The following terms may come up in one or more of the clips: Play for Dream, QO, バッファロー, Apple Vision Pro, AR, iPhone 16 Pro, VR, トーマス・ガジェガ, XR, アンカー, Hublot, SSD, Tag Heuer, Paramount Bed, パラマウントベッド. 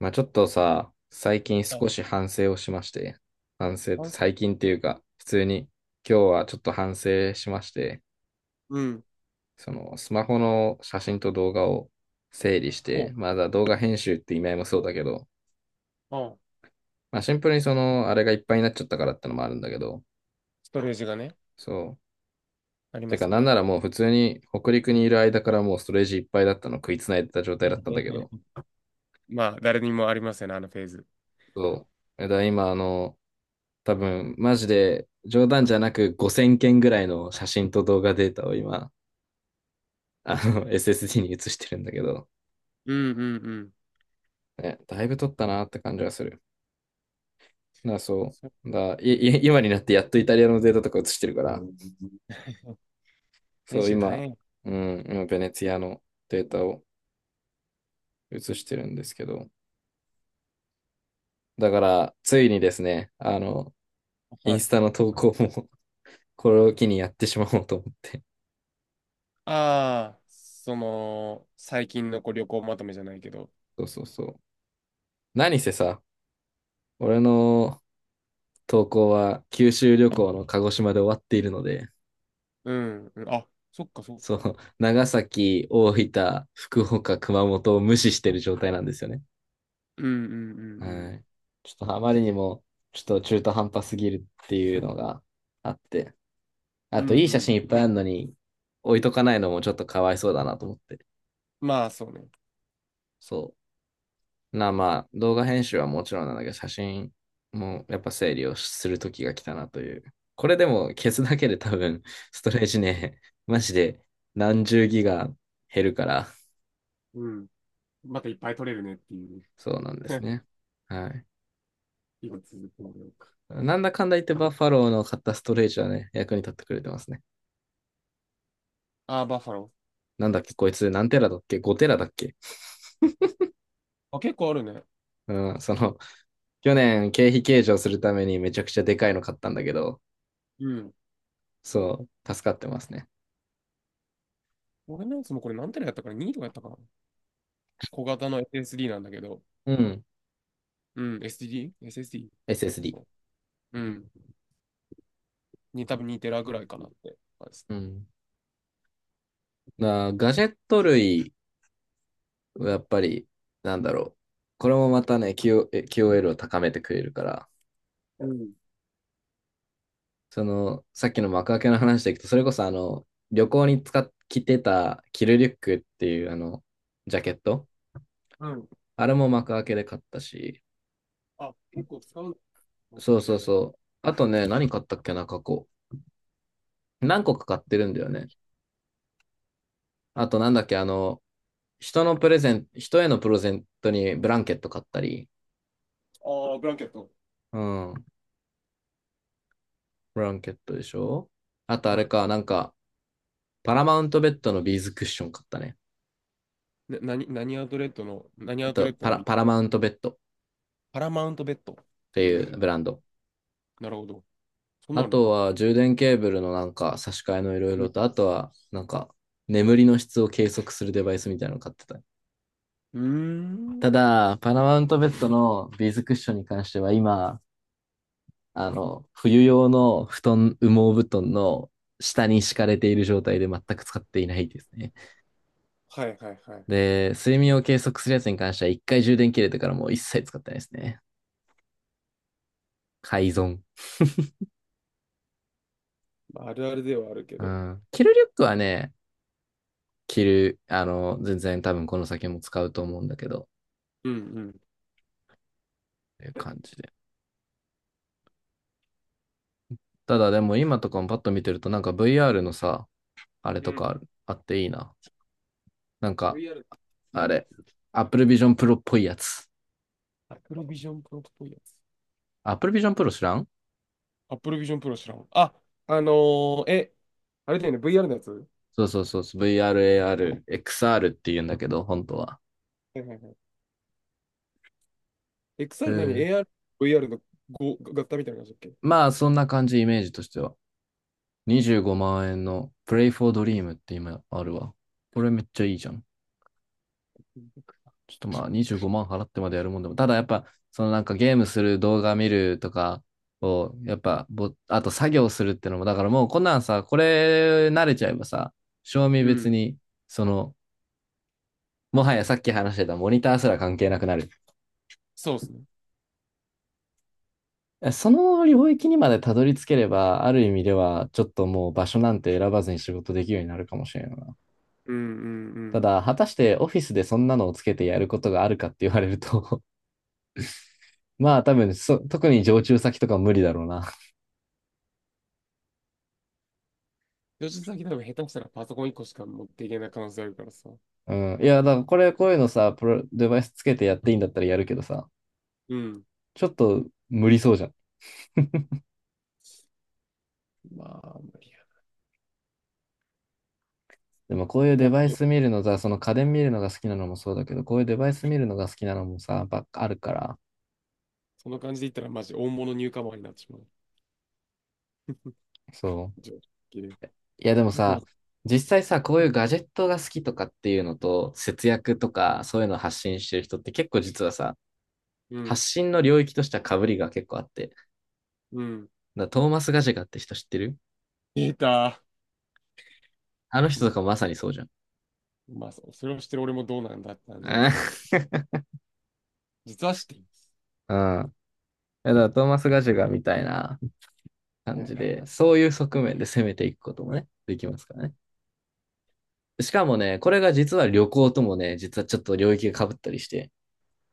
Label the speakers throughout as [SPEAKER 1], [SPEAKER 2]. [SPEAKER 1] まあちょっとさ、最近
[SPEAKER 2] は
[SPEAKER 1] 少
[SPEAKER 2] い。
[SPEAKER 1] し反省をしまして、反省って
[SPEAKER 2] あそ。
[SPEAKER 1] 最近っていうか、普通に今日はちょっと反省しまして、
[SPEAKER 2] うん。
[SPEAKER 1] そのスマホの写真と動画を整理し
[SPEAKER 2] そ
[SPEAKER 1] て、まだ動画編集って意味合いもそうだけど、
[SPEAKER 2] う。うん、
[SPEAKER 1] まあシンプルにそのあれがいっぱいになっちゃったからってのもあるんだけど、
[SPEAKER 2] ストレージがね、
[SPEAKER 1] そう。
[SPEAKER 2] あり
[SPEAKER 1] て
[SPEAKER 2] ま
[SPEAKER 1] か
[SPEAKER 2] す
[SPEAKER 1] なん
[SPEAKER 2] ね。
[SPEAKER 1] ならもう普通に北陸にいる間からもうストレージいっぱいだったの食いつないでた状態だったんだけど、
[SPEAKER 2] まあ、誰にもありますよね、あのフェーズ。
[SPEAKER 1] そう。だから今多分、マジで冗談じゃなく5000件ぐらいの写真と動画データを今、SSD に移してるんだけど、
[SPEAKER 2] うんうんうん。
[SPEAKER 1] ね、だいぶ撮ったなって感じはする。だからそ
[SPEAKER 2] そ
[SPEAKER 1] う。だい
[SPEAKER 2] うね。
[SPEAKER 1] い今になってやっとイタリアのデータとか移してるから、うん
[SPEAKER 2] 編
[SPEAKER 1] そう、
[SPEAKER 2] 集大
[SPEAKER 1] 今、
[SPEAKER 2] 変。
[SPEAKER 1] うん、今、ベネツィアのデータを移してるんですけど、だから、ついにですね、イ
[SPEAKER 2] は
[SPEAKER 1] ン
[SPEAKER 2] い。
[SPEAKER 1] スタの投稿も これを機にやってしまおうと思って。
[SPEAKER 2] ああ、その、最近のこう旅行まとめじゃないけど。
[SPEAKER 1] そうそうそう。何せさ、俺の投稿は九州旅行の鹿児島で終わっているので、
[SPEAKER 2] うん、うん。あ、そっかそっ
[SPEAKER 1] そ
[SPEAKER 2] か。
[SPEAKER 1] の長崎、大分、福岡、熊本を無視している状態なんですよね。
[SPEAKER 2] うんうんうんうん。
[SPEAKER 1] はい。ちょっとあまりにも、ちょっと中途半端すぎるっていうのがあって、
[SPEAKER 2] う
[SPEAKER 1] あ
[SPEAKER 2] んう
[SPEAKER 1] といい写
[SPEAKER 2] ん。
[SPEAKER 1] 真いっぱいあるのに置いとかないのもちょっとかわいそうだなと思って。
[SPEAKER 2] まあ、そうね。
[SPEAKER 1] そう。まあ、動画編集はもちろんなんだけど、写真もやっぱ整理をする時が来たなという。これでも消すだけで多分、ストレージね、マジで何十ギガ減るから、
[SPEAKER 2] うん。またいっぱい取れるねっていう。
[SPEAKER 1] そうなんです ね。はい。
[SPEAKER 2] 今続くので。
[SPEAKER 1] なんだかんだ言ってバッファローの買ったストレージはね、役に立ってくれてますね。
[SPEAKER 2] ああ、バッファロ
[SPEAKER 1] なんだっけ、こいつ何テラだっけ？ 5 テラだっけ？
[SPEAKER 2] ー。あ、結構あるね。
[SPEAKER 1] うん、去年経費計上するためにめちゃくちゃでかいの買ったんだけど、
[SPEAKER 2] うん。
[SPEAKER 1] そう、助かってますね。
[SPEAKER 2] 俺のやつもこれ何テラやったから ?2 とかやったかな。小型の SSD なんだけど、
[SPEAKER 1] うん、
[SPEAKER 2] うん、SSD?SSD か、
[SPEAKER 1] SSD。
[SPEAKER 2] そう。うん。に多分2テラぐらいかなって感じです。
[SPEAKER 1] うん。ガジェット類はやっぱり、なんだろう。これもまたね、QO、q エ l を高めてくれるから、
[SPEAKER 2] うん。
[SPEAKER 1] さっきの幕開けの話でいくと、それこそ旅行に着てたキルリュックっていうあの、ジャケット。
[SPEAKER 2] うん。
[SPEAKER 1] あれも幕開けで買ったし、
[SPEAKER 2] あ、結構使うのか、
[SPEAKER 1] そ
[SPEAKER 2] こ
[SPEAKER 1] う
[SPEAKER 2] れ
[SPEAKER 1] そう
[SPEAKER 2] じゃあ。
[SPEAKER 1] そう。あとね、何買ったっけな、過去。何個か買ってるんだよね。あとなんだっけ、人へのプレゼントにブランケット買ったり、
[SPEAKER 2] ああ、ブランケット。
[SPEAKER 1] うん、ブランケットでしょ？あとあ
[SPEAKER 2] な、
[SPEAKER 1] れか、なんか、パラマウントベッドのビーズクッション買ったね。
[SPEAKER 2] 何アウトレットの、何アウトレットのビ、
[SPEAKER 1] パラマウントベッドっ
[SPEAKER 2] パラマウントベッド。
[SPEAKER 1] て
[SPEAKER 2] うー
[SPEAKER 1] いうブ
[SPEAKER 2] ん。
[SPEAKER 1] ランド。
[SPEAKER 2] なるほど。そう
[SPEAKER 1] あ
[SPEAKER 2] なるん
[SPEAKER 1] と
[SPEAKER 2] だ。
[SPEAKER 1] は充電ケーブルのなんか差し替えのいろい
[SPEAKER 2] う
[SPEAKER 1] ろ
[SPEAKER 2] ん。
[SPEAKER 1] と、あとはなんか眠りの質を計測するデバイスみたいなの買ってた。
[SPEAKER 2] うーん。
[SPEAKER 1] ただ、パラマウントベッドのビーズクッションに関しては今、冬用の布団、羽毛布団の下に敷かれている状態で全く使っていないですね。
[SPEAKER 2] はいはいはいはい。
[SPEAKER 1] で、睡眠を計測するやつに関しては一回充電切れてからもう一切使ってないですね。改造。
[SPEAKER 2] まあ、あるあるではあるけ
[SPEAKER 1] う
[SPEAKER 2] ど。
[SPEAKER 1] ん。着るリュックはね、着る、あの、全然多分この先も使うと思うんだけど、っ
[SPEAKER 2] うんうん。
[SPEAKER 1] ていう感じで。ただでも今とかもパッと見てるとなんか VR のさ、あれ
[SPEAKER 2] う
[SPEAKER 1] とか
[SPEAKER 2] ん。
[SPEAKER 1] あるあっていいな。なんか、
[SPEAKER 2] VR、
[SPEAKER 1] あ
[SPEAKER 2] 何
[SPEAKER 1] れ、Apple Vision Pro っぽいやつ。
[SPEAKER 2] アクロビジョンプロっぽいやつ。
[SPEAKER 1] Apple Vision Pro 知らん？
[SPEAKER 2] Apple Vision Pro 知らん。あ、あのーえ、あれだよね、VR のやつは。
[SPEAKER 1] そうそうそうそう、VR、AR、XR って言うんだけど、本当は。
[SPEAKER 2] いはいはい。
[SPEAKER 1] え
[SPEAKER 2] XR 何
[SPEAKER 1] ー
[SPEAKER 2] ?AR、VR のご合体みたいな感じだっけ。
[SPEAKER 1] まあ、そんな感じ、イメージとしては。25万円の Play for Dream って今あるわ。これめっちゃいいじゃん。ちょっとまあ25万払ってまでやるもんでも、ただやっぱ、そのなんかゲームする動画見るとかを、やっぱぼ、あと作業するってのも、だからもうこんなんさ、これ慣れちゃえばさ、賞味
[SPEAKER 2] う
[SPEAKER 1] 別
[SPEAKER 2] ん。
[SPEAKER 1] に、その、もはやさっき話してたモニターすら関係なくなる。
[SPEAKER 2] そうですね。
[SPEAKER 1] その領域にまでたどり着ければ、ある意味では、ちょっともう場所なんて選ばずに仕事できるようになるかもしれないな。
[SPEAKER 2] うんうんう
[SPEAKER 1] た
[SPEAKER 2] ん。
[SPEAKER 1] だ、果たしてオフィスでそんなのをつけてやることがあるかって言われると まあ多分特に常駐先とか無理だろうな。
[SPEAKER 2] 吉田先多分下手したらパソコン1個しか持っていけない可能性あるからさ。
[SPEAKER 1] うん。いや、だからこういうのさ、デバイスつけてやっていいんだったらやるけどさ、
[SPEAKER 2] うん。
[SPEAKER 1] ちょっと無理そうじゃん。
[SPEAKER 2] まあ、無理や。
[SPEAKER 1] でもこういう
[SPEAKER 2] お、
[SPEAKER 1] デバイス見るのさ、その家電見るのが好きなのもそうだけど、こういうデバイス見るのが好きなのもさ、ばっかあるから。
[SPEAKER 2] その感じで言ったらマジ大物ニューカマーになってしまう。
[SPEAKER 1] そう。
[SPEAKER 2] じゃあ、綺麗。
[SPEAKER 1] いや、でも
[SPEAKER 2] あ、この、
[SPEAKER 1] さ、実際さ、こういうガジェットが好きとかっていうのと、節約とか、そういうのを発信してる人って結構実はさ、
[SPEAKER 2] うん。
[SPEAKER 1] 発信の領域としては被りが結構あって。だか
[SPEAKER 2] うん。
[SPEAKER 1] らトーマス・ガジェガって人知ってる？
[SPEAKER 2] データ。
[SPEAKER 1] あの人と
[SPEAKER 2] も
[SPEAKER 1] か
[SPEAKER 2] う、こ
[SPEAKER 1] まさにそうじゃん。
[SPEAKER 2] まあ、そそれをしてる俺もどうなんだって感じなんですけ ど、実は知っています。
[SPEAKER 1] うん。うん、いやだからトーマス・ガジェガみたいな
[SPEAKER 2] はい
[SPEAKER 1] 感じ
[SPEAKER 2] はいは
[SPEAKER 1] で、
[SPEAKER 2] い。
[SPEAKER 1] そういう側面で攻めていくこともね、できますからね。しかもね、これが実は旅行ともね、実はちょっと領域が被ったりして、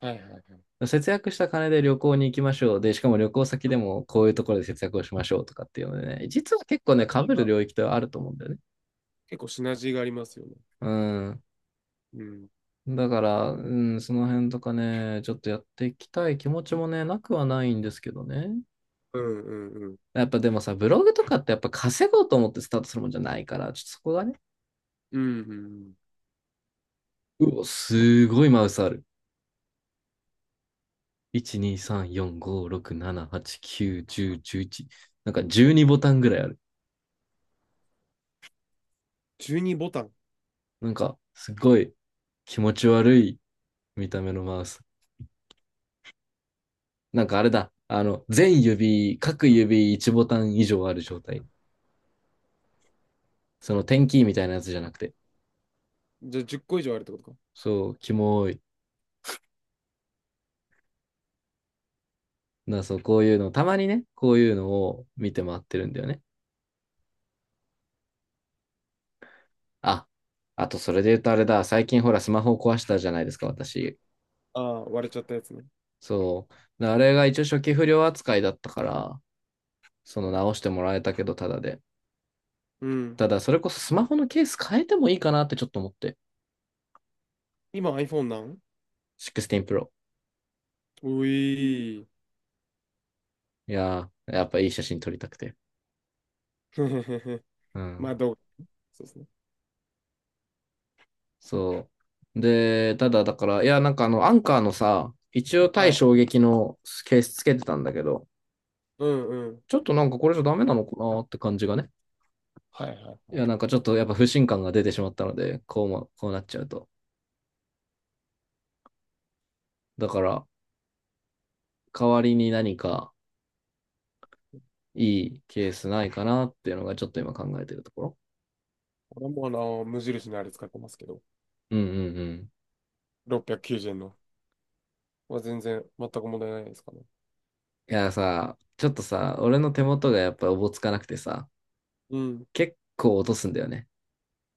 [SPEAKER 2] はいはいはい。シ
[SPEAKER 1] 節約した金で旅行に行きましょう。で、しかも旅行先でもこういうところで節約をしましょうとかっていうのでね、実は結構
[SPEAKER 2] ナ
[SPEAKER 1] ね、被
[SPEAKER 2] ジー
[SPEAKER 1] る
[SPEAKER 2] が、
[SPEAKER 1] 領域ってあると思うんだよね。
[SPEAKER 2] 結構シナジーがありますよね。
[SPEAKER 1] うん。
[SPEAKER 2] うん。
[SPEAKER 1] だから、うん、その辺とかね、ちょっとやっていきたい気持ちもね、なくはないんですけどね。
[SPEAKER 2] うんうんうん。
[SPEAKER 1] やっぱでもさ、ブログとかってやっぱ稼ごうと思ってスタートするもんじゃないから、ちょっとそこがね、
[SPEAKER 2] うんうんうん。
[SPEAKER 1] うお、
[SPEAKER 2] まあ、
[SPEAKER 1] すごいマウスある。1、2、3、4、5、6、7、8、9、10、11。なんか12ボタンぐらいある。
[SPEAKER 2] 12ボタン。
[SPEAKER 1] なんか、すごい気持ち悪い見た目のマウス。なんかあれだ。各指1ボタン以上ある状態。その点キーみたいなやつじゃなくて。
[SPEAKER 2] じゃあ10個以上あるってことか。
[SPEAKER 1] そう、キモい。そう、こういうの、たまにね、こういうのを見て回ってるんだよね。あ、あとそれで言うとあれだ。最近ほら、スマホを壊したじゃないですか、私。
[SPEAKER 2] ああ、割れちゃったやつね。
[SPEAKER 1] そう。あれが一応初期不良扱いだったから、その直してもらえたけど、ただで。
[SPEAKER 2] うん。
[SPEAKER 1] ただ、それこそスマホのケース変えてもいいかなってちょっと思って。
[SPEAKER 2] 今 iPhone なん。
[SPEAKER 1] 16 Pro。
[SPEAKER 2] ういー。
[SPEAKER 1] いやー、やっぱいい写真撮りたくて。う
[SPEAKER 2] ま
[SPEAKER 1] ん。
[SPEAKER 2] あ、そうですね。
[SPEAKER 1] そう。で、ただだから、いや、なんかアンカーのさ、一応
[SPEAKER 2] は
[SPEAKER 1] 対
[SPEAKER 2] い。
[SPEAKER 1] 衝撃のケースつけてたんだけど、
[SPEAKER 2] うんうん。
[SPEAKER 1] ちょっとなんかこれじゃダメなのかなって感じがね。
[SPEAKER 2] はいはいは
[SPEAKER 1] いや、なんか
[SPEAKER 2] い。
[SPEAKER 1] ちょっとやっぱ不信感が出てしまったので、こうも、こうなっちゃうと。だから、代わりに何かいいケースないかなっていうのがちょっと今考えてるところ。
[SPEAKER 2] 俺もあの、無印のあれ使ってますけど、
[SPEAKER 1] うんうんうん。
[SPEAKER 2] 690円の。まあ全然、全く問題ないですかね。
[SPEAKER 1] いやさ、ちょっとさ、俺の手元がやっぱおぼつかなくてさ、
[SPEAKER 2] うん。
[SPEAKER 1] 結構落とすんだよね。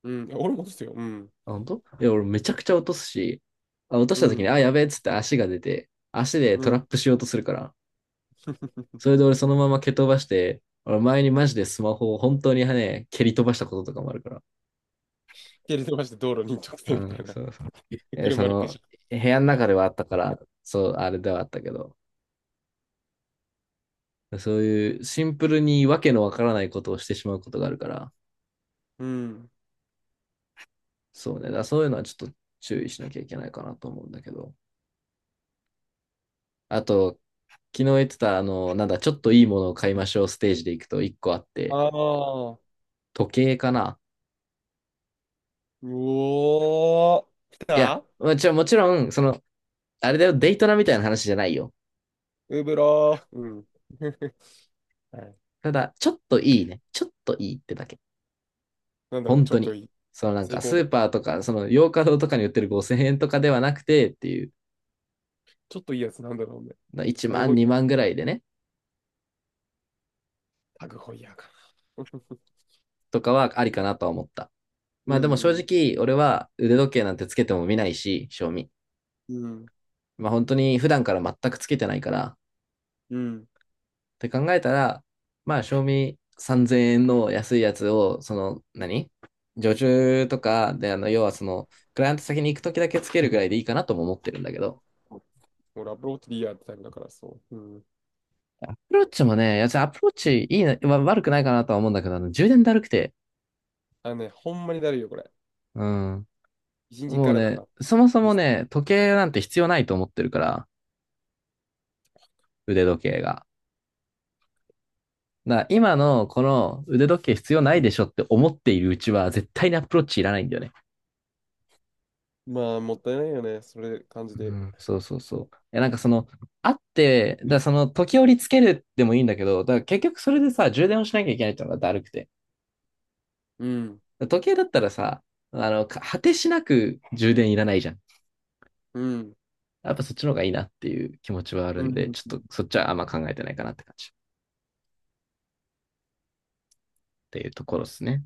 [SPEAKER 2] うん。いや俺もですよ。うん。
[SPEAKER 1] あ、本当？いや、俺めちゃくちゃ落とすし、あ、落とし
[SPEAKER 2] う
[SPEAKER 1] た時に、
[SPEAKER 2] ん。
[SPEAKER 1] あ、やべえっつって足が出て、足で
[SPEAKER 2] う
[SPEAKER 1] トラ
[SPEAKER 2] ん。
[SPEAKER 1] ップしようとするから、それで俺そのまま蹴飛ばして、俺前にマジでスマホを本当にね、蹴り飛ばしたこととかもあるから。
[SPEAKER 2] 蹴り飛ばして道路に直
[SPEAKER 1] う
[SPEAKER 2] 線みた
[SPEAKER 1] ん、
[SPEAKER 2] いな。
[SPEAKER 1] そうそう。え、そ
[SPEAKER 2] 車でペシ
[SPEAKER 1] の、
[SPEAKER 2] ャ。
[SPEAKER 1] 部屋の中ではあったから、そう、あれではあったけど、そういうシンプルにわけのわからないことをしてしまうことがあるから、
[SPEAKER 2] うん。
[SPEAKER 1] そうね。だからそういうのはちょっと注意しなきゃいけないかなと思うんだけど。あと、昨日言ってた、あの、なんだ、ちょっといいものを買いましょうステージで行くと1個あって、
[SPEAKER 2] ああ、う
[SPEAKER 1] 時計かな？
[SPEAKER 2] おー、来
[SPEAKER 1] いや、
[SPEAKER 2] た
[SPEAKER 1] もちろん、もちろん、あれだよ、デイトナみたいな話じゃないよ。
[SPEAKER 2] ウブロー。うん。はい。
[SPEAKER 1] ただ、ちょっといいね。ちょっといいってだけ。
[SPEAKER 2] なんだろう、
[SPEAKER 1] 本
[SPEAKER 2] ちょ
[SPEAKER 1] 当
[SPEAKER 2] っと
[SPEAKER 1] に。
[SPEAKER 2] いい。
[SPEAKER 1] そのなん
[SPEAKER 2] 成
[SPEAKER 1] か、
[SPEAKER 2] 功
[SPEAKER 1] ス
[SPEAKER 2] の。
[SPEAKER 1] ーパーとか、洋華堂とかに売ってる5000円とかではなくてっていう、
[SPEAKER 2] ちょっといいやつなんだろうね。
[SPEAKER 1] 1
[SPEAKER 2] タグホ
[SPEAKER 1] 万、
[SPEAKER 2] イヤー。
[SPEAKER 1] 2万ぐらいでね、
[SPEAKER 2] タグホイヤーかな。
[SPEAKER 1] とかはありかなとは思った。
[SPEAKER 2] う
[SPEAKER 1] まあでも正
[SPEAKER 2] んうん、
[SPEAKER 1] 直、俺は腕時計なんてつけても見ないし、賞味。
[SPEAKER 2] うん、
[SPEAKER 1] まあ本当に普段から全くつけてないからっ
[SPEAKER 2] うん。
[SPEAKER 1] て考えたら、まあ賞味3000円の安いやつを、その何常駐とかで、要はクライアント先に行くときだけつけるぐらいでいいかなとも思ってるんだけど、
[SPEAKER 2] もうラブローティリアってタイプだから、そう。うん。
[SPEAKER 1] アプローチもね、いやつアプローチいいな、悪くないかなとは思うんだけど、充電だるくて、
[SPEAKER 2] あのね、ほんまにだるいよ、これ。
[SPEAKER 1] うん。
[SPEAKER 2] 一日
[SPEAKER 1] も
[SPEAKER 2] か
[SPEAKER 1] う
[SPEAKER 2] らなん
[SPEAKER 1] ね、
[SPEAKER 2] か、
[SPEAKER 1] そもそ
[SPEAKER 2] い
[SPEAKER 1] もね、時計なんて必要ないと思ってるから、腕時計が。だから今のこの腕時計必要ないでしょって思っているうちは絶対にアプローチいらないんだよね。
[SPEAKER 2] まあ、もったいないよね。それ、感じ
[SPEAKER 1] う
[SPEAKER 2] で。
[SPEAKER 1] ん、そうそうそう。なんかあって、だからその時折つけるでもいいんだけど、だから結局それでさ、充電をしなきゃいけないってのがだるくて。
[SPEAKER 2] うん、
[SPEAKER 1] だから時計だったらさ、果てしなく充電いらないじゃん。
[SPEAKER 2] うん、
[SPEAKER 1] やっぱそっちの方がいいなっていう気持ちはある
[SPEAKER 2] う
[SPEAKER 1] んで、
[SPEAKER 2] ん。
[SPEAKER 1] ちょっ
[SPEAKER 2] う
[SPEAKER 1] と
[SPEAKER 2] ん
[SPEAKER 1] そっちはあんま考えてないかなって感じっていうところですね。